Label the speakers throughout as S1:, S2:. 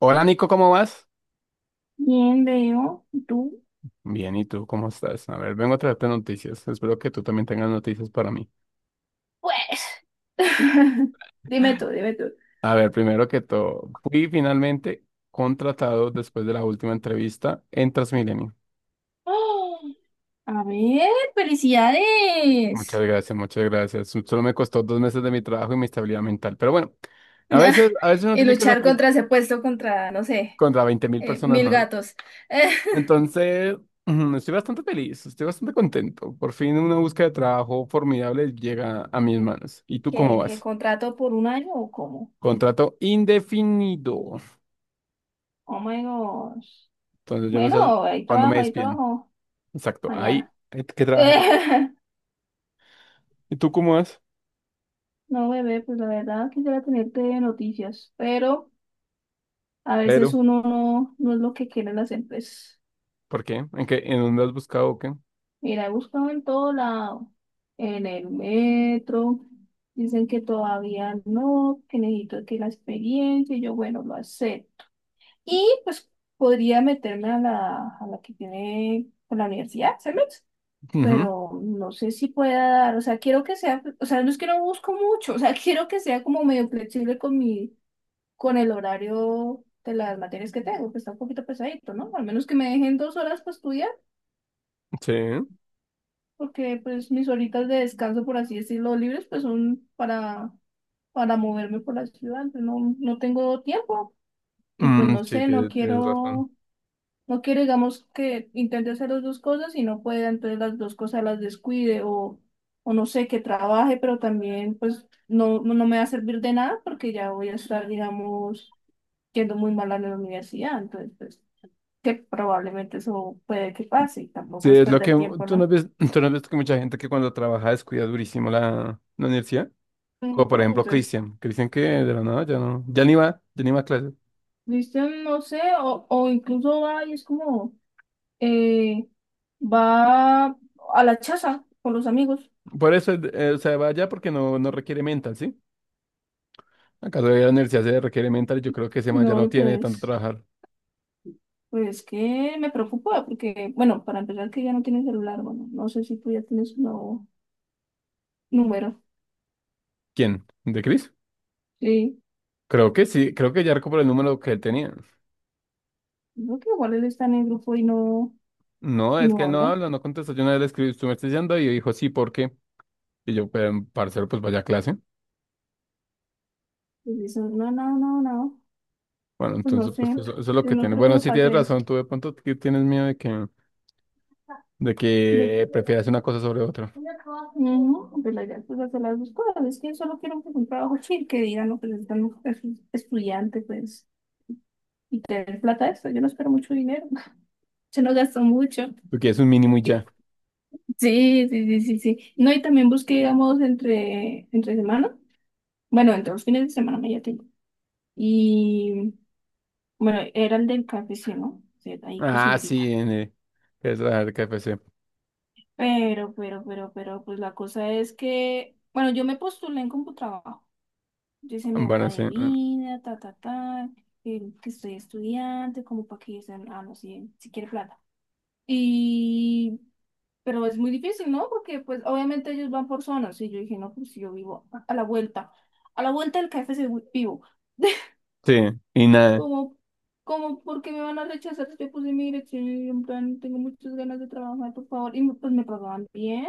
S1: Hola Nico, ¿cómo vas?
S2: Bien, veo. ¿Tú?
S1: Bien, ¿y tú cómo estás? A ver, vengo a traerte noticias. Espero que tú también tengas noticias para mí.
S2: Pues. Dime tú, dime tú.
S1: A ver, primero que todo, fui finalmente contratado después de la última entrevista en Transmilenio.
S2: ¡Oh! A ver,
S1: Muchas
S2: felicidades.
S1: gracias, muchas gracias. Solo me costó 2 meses de mi trabajo y mi estabilidad mental. Pero bueno, a veces uno
S2: Y
S1: tiene que
S2: luchar
S1: sacrificar
S2: contra ese puesto, contra, no sé,
S1: contra veinte mil personas
S2: mil
S1: ¿no?
S2: gatos.
S1: Entonces, ujú, estoy bastante feliz, estoy bastante contento. Por fin una búsqueda de trabajo formidable llega a mis manos. ¿Y tú cómo
S2: ¿Qué
S1: vas?
S2: contrato por un año o cómo?
S1: Contrato indefinido.
S2: Oh my gosh.
S1: Entonces yo no sé
S2: Bueno, hay
S1: cuándo me
S2: trabajo, hay
S1: despidan.
S2: trabajo.
S1: Exacto, ahí
S2: Mañana.
S1: hay que trabajar. ¿Y tú cómo vas?
S2: No, bebé, pues la verdad quisiera tenerte noticias, pero a veces
S1: Pero,
S2: uno no es lo que quieren las empresas.
S1: ¿por qué? ¿En qué? ¿En dónde has buscado o qué?
S2: Mira, he buscado en todo lado, en el metro, dicen que todavía no, que necesito que la experiencia, y yo, bueno, lo acepto. Y pues podría meterme a la, que tiene con la universidad, ¿sabes?
S1: Ujú.
S2: Pero no sé si pueda dar, o sea, quiero que sea, o sea, no es que no busco mucho, o sea, quiero que sea como medio flexible con mi, con el horario de las materias que tengo, que está un poquito pesadito, ¿no? Al menos que me dejen 2 horas para estudiar.
S1: Sí.
S2: Porque pues mis horitas de descanso, por así decirlo, libres, pues son para, moverme por la ciudad. No tengo tiempo y pues
S1: Mm,
S2: no
S1: sí,
S2: sé, no
S1: tienes razón.
S2: quiero, no quiero, digamos, que intente hacer las dos cosas y no pueda, entonces las dos cosas las descuide o no sé, que trabaje, pero también pues no me va a servir de nada porque ya voy a estar, digamos, yendo muy mal a la universidad, entonces pues que probablemente eso puede que pase y tampoco
S1: Sí,
S2: es
S1: es lo que
S2: perder tiempo,
S1: tú no
S2: ¿no?
S1: ves, tú no ves que mucha gente que cuando trabaja descuida durísimo la universidad.
S2: Mm.
S1: Como por ejemplo
S2: Entonces,
S1: Cristian. Cristian que de la nada ya no, ya ni va a clases.
S2: ¿viste? No sé, o, incluso va y es como, eh, va a la chaza con los amigos.
S1: Por eso, o sea, va allá porque no requiere mental, ¿sí? Acaso de la universidad se requiere mental y yo creo que ese man ya
S2: No,
S1: no
S2: y
S1: tiene de tanto
S2: pues,
S1: trabajar.
S2: pues que me preocupa, porque, bueno, para empezar que ya no tiene celular, bueno, no sé si tú ya tienes un nuevo número.
S1: ¿Quién? ¿De Chris?
S2: Sí,
S1: Creo que sí, creo que ya por el número que él tenía.
S2: creo que igual él está en el grupo y no,
S1: No,
S2: y
S1: es
S2: no
S1: que él no
S2: habla.
S1: habla, no contesta. Yo una vez le escribí, tú me estás diciendo, y dijo, sí, ¿por qué? Y yo, pero, parcero, pues vaya a clase.
S2: Pues dice, no, no, no, no,
S1: Bueno,
S2: pues no
S1: entonces,
S2: sé,
S1: pues eso, es lo
S2: yo
S1: que
S2: no
S1: tiene.
S2: creo que
S1: Bueno,
S2: me
S1: sí tienes
S2: pase eso.
S1: razón, tú de pronto que tienes miedo de que, de
S2: De qué?
S1: que prefieras una cosa sobre otra.
S2: No, pues la idea pues hacer las dos cosas. Es que yo solo quiero un trabajo chill que digan lo que les dan estudiantes, pues tener plata de esto. Yo no espero mucho dinero. Se nos gastó mucho.
S1: Porque es un mínimo y ya.
S2: Sí, sí, sí, sí, sí. No, y también busqué, digamos, entre semana. Bueno, entre los fines de semana me ya tengo. Y bueno, era el del KFC, ¿no? O sea, ahí
S1: Ah, sí,
S2: cocinerita.
S1: es la KFC.
S2: Pero, pues la cosa es que, bueno, yo me postulé en Computrabajo. Yo hice mi hoja
S1: Bueno,
S2: de
S1: sí. Mm,
S2: vida, ta, ta, ta, que estoy estudiante, como para que dicen, ah, no, si quiere plata. Y, pero es muy difícil, ¿no? Porque, pues, obviamente ellos van por zonas. Y yo dije, no, pues si yo vivo a la vuelta, a la vuelta del KFC vivo.
S1: sí, y nada,
S2: Como, como, ¿porque me van a rechazar? Si yo puse mi dirección y en plan, tengo muchas ganas de trabajar, por favor. Y pues me pagaban bien,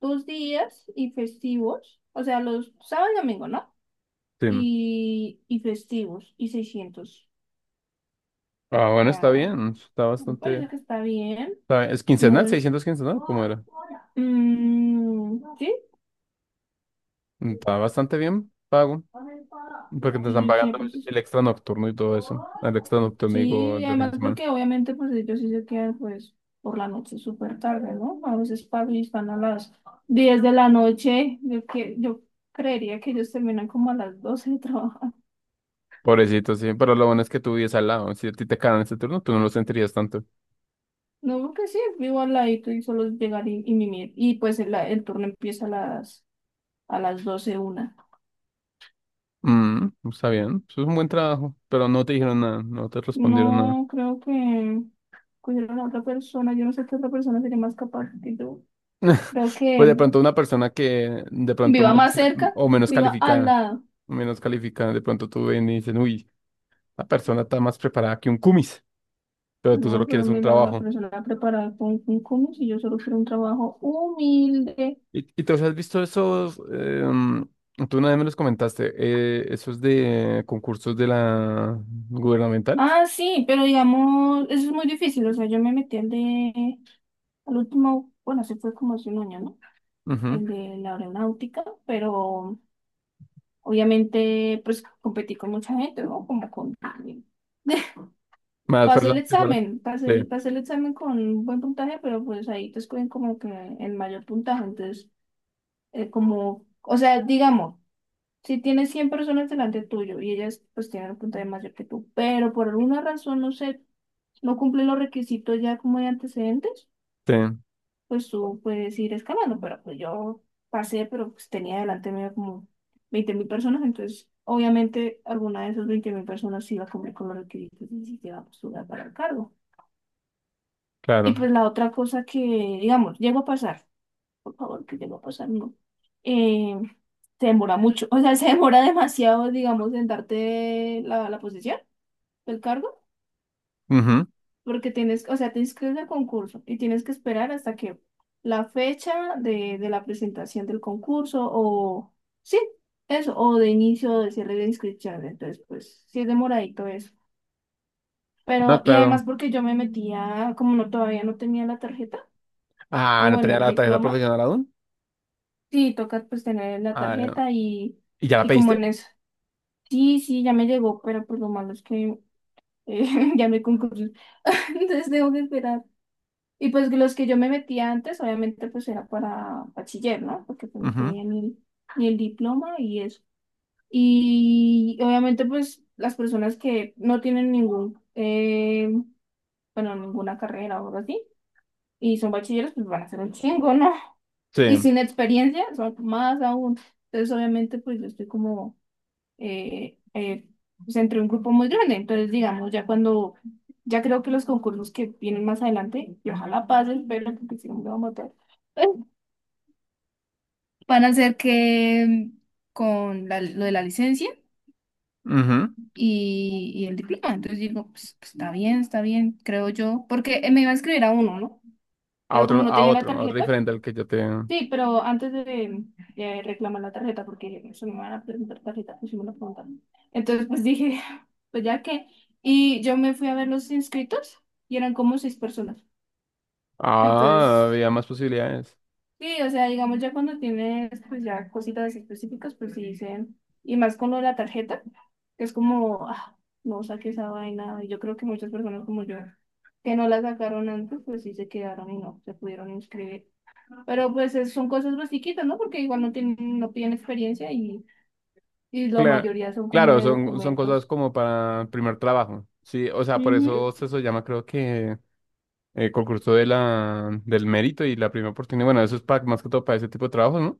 S2: 2 días y festivos, o sea, los sábados y domingo, ¿no?
S1: sí.
S2: y festivos y 600.
S1: Ah,
S2: O
S1: bueno, está
S2: sea,
S1: bien, está
S2: me
S1: bastante.
S2: parece que está bien.
S1: Está bien. ¿Es
S2: No
S1: quincenal?
S2: es.
S1: 600 quincenal. ¿Cómo era?
S2: Mm, sí,
S1: Mm, está bastante bien pago. Porque te
S2: y yo
S1: están
S2: decía,
S1: pagando
S2: pues,
S1: el, el extra nocturno y todo eso. El extra nocturno,
S2: sí,
S1: digo,
S2: y
S1: de fin de
S2: además
S1: semana.
S2: porque obviamente pues ellos sí se quedan pues por la noche súper tarde, ¿no? A veces pasan y están a las 10 de la noche. Yo creería que ellos terminan como a las 12 de trabajar.
S1: Pobrecito, sí. Pero lo bueno es que tú vives al lado. Si a ti te cagan ese turno, tú no lo sentirías tanto.
S2: No, porque sí, vivo al ladito y solo es llegar y, mimir. Y pues el turno empieza a las doce una.
S1: Mm, está bien. Eso es un buen trabajo. Pero no te dijeron nada. No te respondieron nada.
S2: No, creo que cogieron a otra persona. Yo no sé qué otra persona sería más capaz que yo. Creo
S1: Pues de
S2: que
S1: pronto una persona que de pronto
S2: viva
S1: menos,
S2: más cerca,
S1: o menos
S2: viva al
S1: calificada.
S2: lado.
S1: Menos calificada. De pronto tú ven y dicen, uy, la persona está más preparada que un cumis. Pero tú
S2: No,
S1: solo
S2: pero
S1: quieres un
S2: mira, la
S1: trabajo.
S2: persona preparada con un si yo solo quiero un trabajo humilde.
S1: ¿Y te has visto esos? Tú una vez me los comentaste, esos de concursos de la gubernamentales.
S2: Ah, sí, pero digamos, eso es muy difícil. O sea, yo me metí al de, al último, bueno, se fue como hace un año, ¿no?
S1: Ujú.
S2: El de la aeronáutica, pero obviamente pues competí con mucha gente, ¿no? Como con alguien.
S1: Más
S2: Pasé el
S1: personas que van.
S2: examen, pasé el,
S1: Sí,
S2: pasé el examen con un buen puntaje, pero pues ahí te escogen como que el mayor puntaje. Entonces, como, o sea, digamos, si tienes 100 personas delante tuyo y ellas pues tienen un puntaje mayor que tú, pero por alguna razón, no sé, no cumplen los requisitos ya como de antecedentes,
S1: sí,
S2: pues tú puedes ir escalando, pero pues yo pasé, pero pues tenía delante mío como 20.000 personas, entonces obviamente alguna de esas 20.000 personas iba a cumplir con los requisitos y sí se iba a postular para el cargo. Y
S1: claro.
S2: pues la otra cosa que, digamos, llegó a pasar, por favor, que llegó a pasar, no, eh, se demora mucho, o sea, se demora demasiado, digamos, en darte la, posición, el cargo.
S1: Ujú.
S2: Porque tienes, o sea, te inscribes al concurso y tienes que esperar hasta que la fecha de la presentación del concurso o, sí, eso, o de inicio o de cierre de inscripción. Entonces, pues, sí es demoradito eso.
S1: No,
S2: Pero, y además
S1: claro.
S2: porque yo me metía, como no todavía no tenía la tarjeta,
S1: Ah,
S2: o
S1: ¿no
S2: bueno,
S1: tenía
S2: el
S1: la tarjeta
S2: diploma,
S1: profesional aún?
S2: sí, toca pues tener la
S1: Ah, ya.
S2: tarjeta y,
S1: ¿Y ya la
S2: y como
S1: pediste?
S2: en eso. Sí, sí, ya me llegó, pero pues lo malo es que eh, ya me concurso. Entonces tengo que esperar. Y pues los que yo me metía antes, obviamente pues era para bachiller, ¿no? Porque pues no
S1: Ujú.
S2: tenía ni el diploma y eso. Y obviamente pues las personas que no tienen ningún, bueno, ninguna carrera o algo así, y son bachilleros, pues van a ser un chingo, ¿no? Y
S1: Sí.
S2: sin experiencia son más aún. Entonces obviamente pues yo estoy como eh, eh, pues entre un grupo muy grande. Entonces, digamos, ya cuando, ya creo que los concursos que vienen más adelante, y ojalá pasen, pero porque si no me va a matar. Van a ser que con lo de la licencia
S1: Ujú.
S2: y, el diploma. Entonces digo, pues, está bien, creo yo, porque me iba a inscribir a uno, ¿no?
S1: A
S2: Pero
S1: otro,
S2: como no
S1: a
S2: tenía la
S1: otro, a otro
S2: tarjeta,
S1: diferente al que yo te...
S2: sí, pero antes de reclamar la tarjeta, porque eso me van a preguntar tarjeta, pues sí me lo preguntaron. Entonces, pues dije, pues ya que. Y yo me fui a ver los inscritos y eran como seis personas.
S1: Ah,
S2: Entonces,
S1: había más posibilidades.
S2: sí, o sea, digamos, ya cuando tienes, pues ya cositas específicas, pues sí dicen, y más con lo de la tarjeta, que es como, ah, no saqué esa vaina. Y yo creo que muchas personas como yo, que no la sacaron antes, pues sí se quedaron y no se pudieron inscribir. Pero pues son cosas más chiquitas, ¿no? Porque igual no tienen, no piden experiencia y, la
S1: Claro,
S2: mayoría son como
S1: claro,
S2: de
S1: son cosas
S2: documentos.
S1: como para primer trabajo. Sí, o sea, por eso
S2: Ujú.
S1: se eso llama, creo que concurso de la, del mérito y la primera oportunidad. Bueno, eso es para, más que todo para ese tipo de trabajos, ¿no?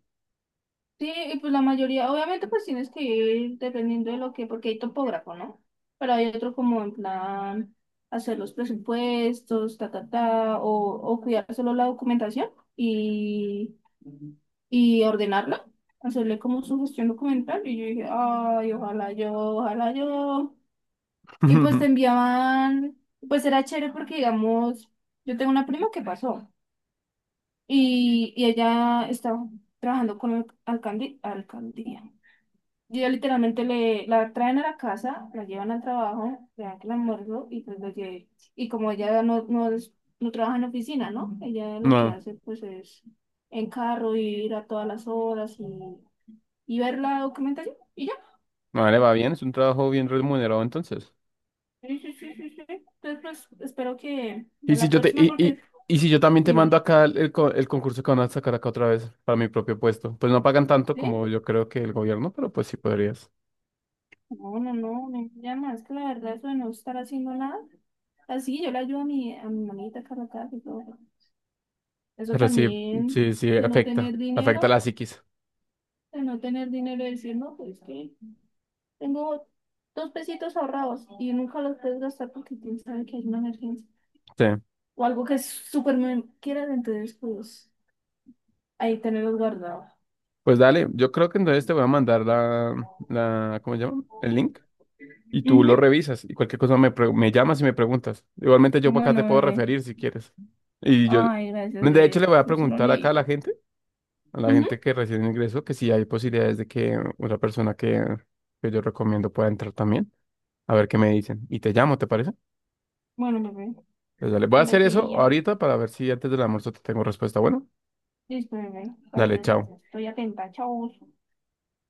S2: Sí, y pues la mayoría, obviamente pues tienes que ir dependiendo de lo que, porque hay topógrafo, ¿no? Pero hay otro como en plan hacer los presupuestos, ta, ta, ta, o, cuidar solo la documentación y, y ordenarla, hacerle como su gestión documental. Y yo dije, ay, ojalá yo, ojalá yo. Y pues te enviaban, pues era chévere porque, digamos, yo tengo una prima que pasó y ella estaba trabajando con el alcalde, alcaldía. Y ella literalmente le, la traen a la casa, la llevan al trabajo, le dan el almuerzo y pues lo lle- Y como ella no trabaja en oficina, ¿no? Ella lo que
S1: No,
S2: hace pues es en carro ir a todas las horas y, ver la documentación y ya.
S1: no le va bien, es un trabajo bien remunerado entonces.
S2: Sí, sí, sí, sí, sí. Entonces pues espero que
S1: Y
S2: ya
S1: si
S2: la
S1: yo te,
S2: próxima
S1: y,
S2: porque
S1: y, y si yo también te mando
S2: dime.
S1: acá el, el concurso que van a sacar acá otra vez para mi propio puesto, pues no pagan tanto
S2: ¿Sí?
S1: como yo creo que el gobierno, pero pues sí podrías.
S2: No, no, no, niña llama, es que la verdad eso de no estar haciendo nada, así yo le ayudo a mi mamita Carla casa y todo. Eso
S1: Pero sí,
S2: también
S1: sí, sí,
S2: de no
S1: afecta,
S2: tener
S1: afecta
S2: dinero,
S1: la psiquis.
S2: de no tener dinero y decir, no, pues que tengo dos pesitos ahorrados y nunca los puedes gastar porque quién sabe que hay una emergencia
S1: Sí.
S2: o algo que súper me quieras, entonces pues ahí tenerlos guardados.
S1: Pues dale, yo creo que entonces te voy a mandar la, ¿cómo se llama? El link, y tú lo
S2: Ujú.
S1: revisas y cualquier cosa me llamas y me preguntas. Igualmente yo por acá te
S2: Bueno,
S1: puedo
S2: bebé.
S1: referir si quieres. Y yo,
S2: Ay, gracias,
S1: de hecho, le
S2: bebé.
S1: voy a
S2: Si no
S1: preguntar acá a la
S2: necesito.
S1: gente, a la
S2: Ujú.
S1: gente que recién ingresó, que si hay posibilidades de que una persona que yo recomiendo pueda entrar también, a ver qué me dicen. Y te llamo, ¿te parece?
S2: Bueno, bebé,
S1: Pues dale, voy a
S2: ahora
S1: hacer
S2: sí
S1: eso
S2: iría.
S1: ahorita para ver si antes del almuerzo te tengo respuesta. Bueno,
S2: Listo, bebé.
S1: dale,
S2: Gracias,
S1: chao.
S2: gracias. Estoy atenta. Chau.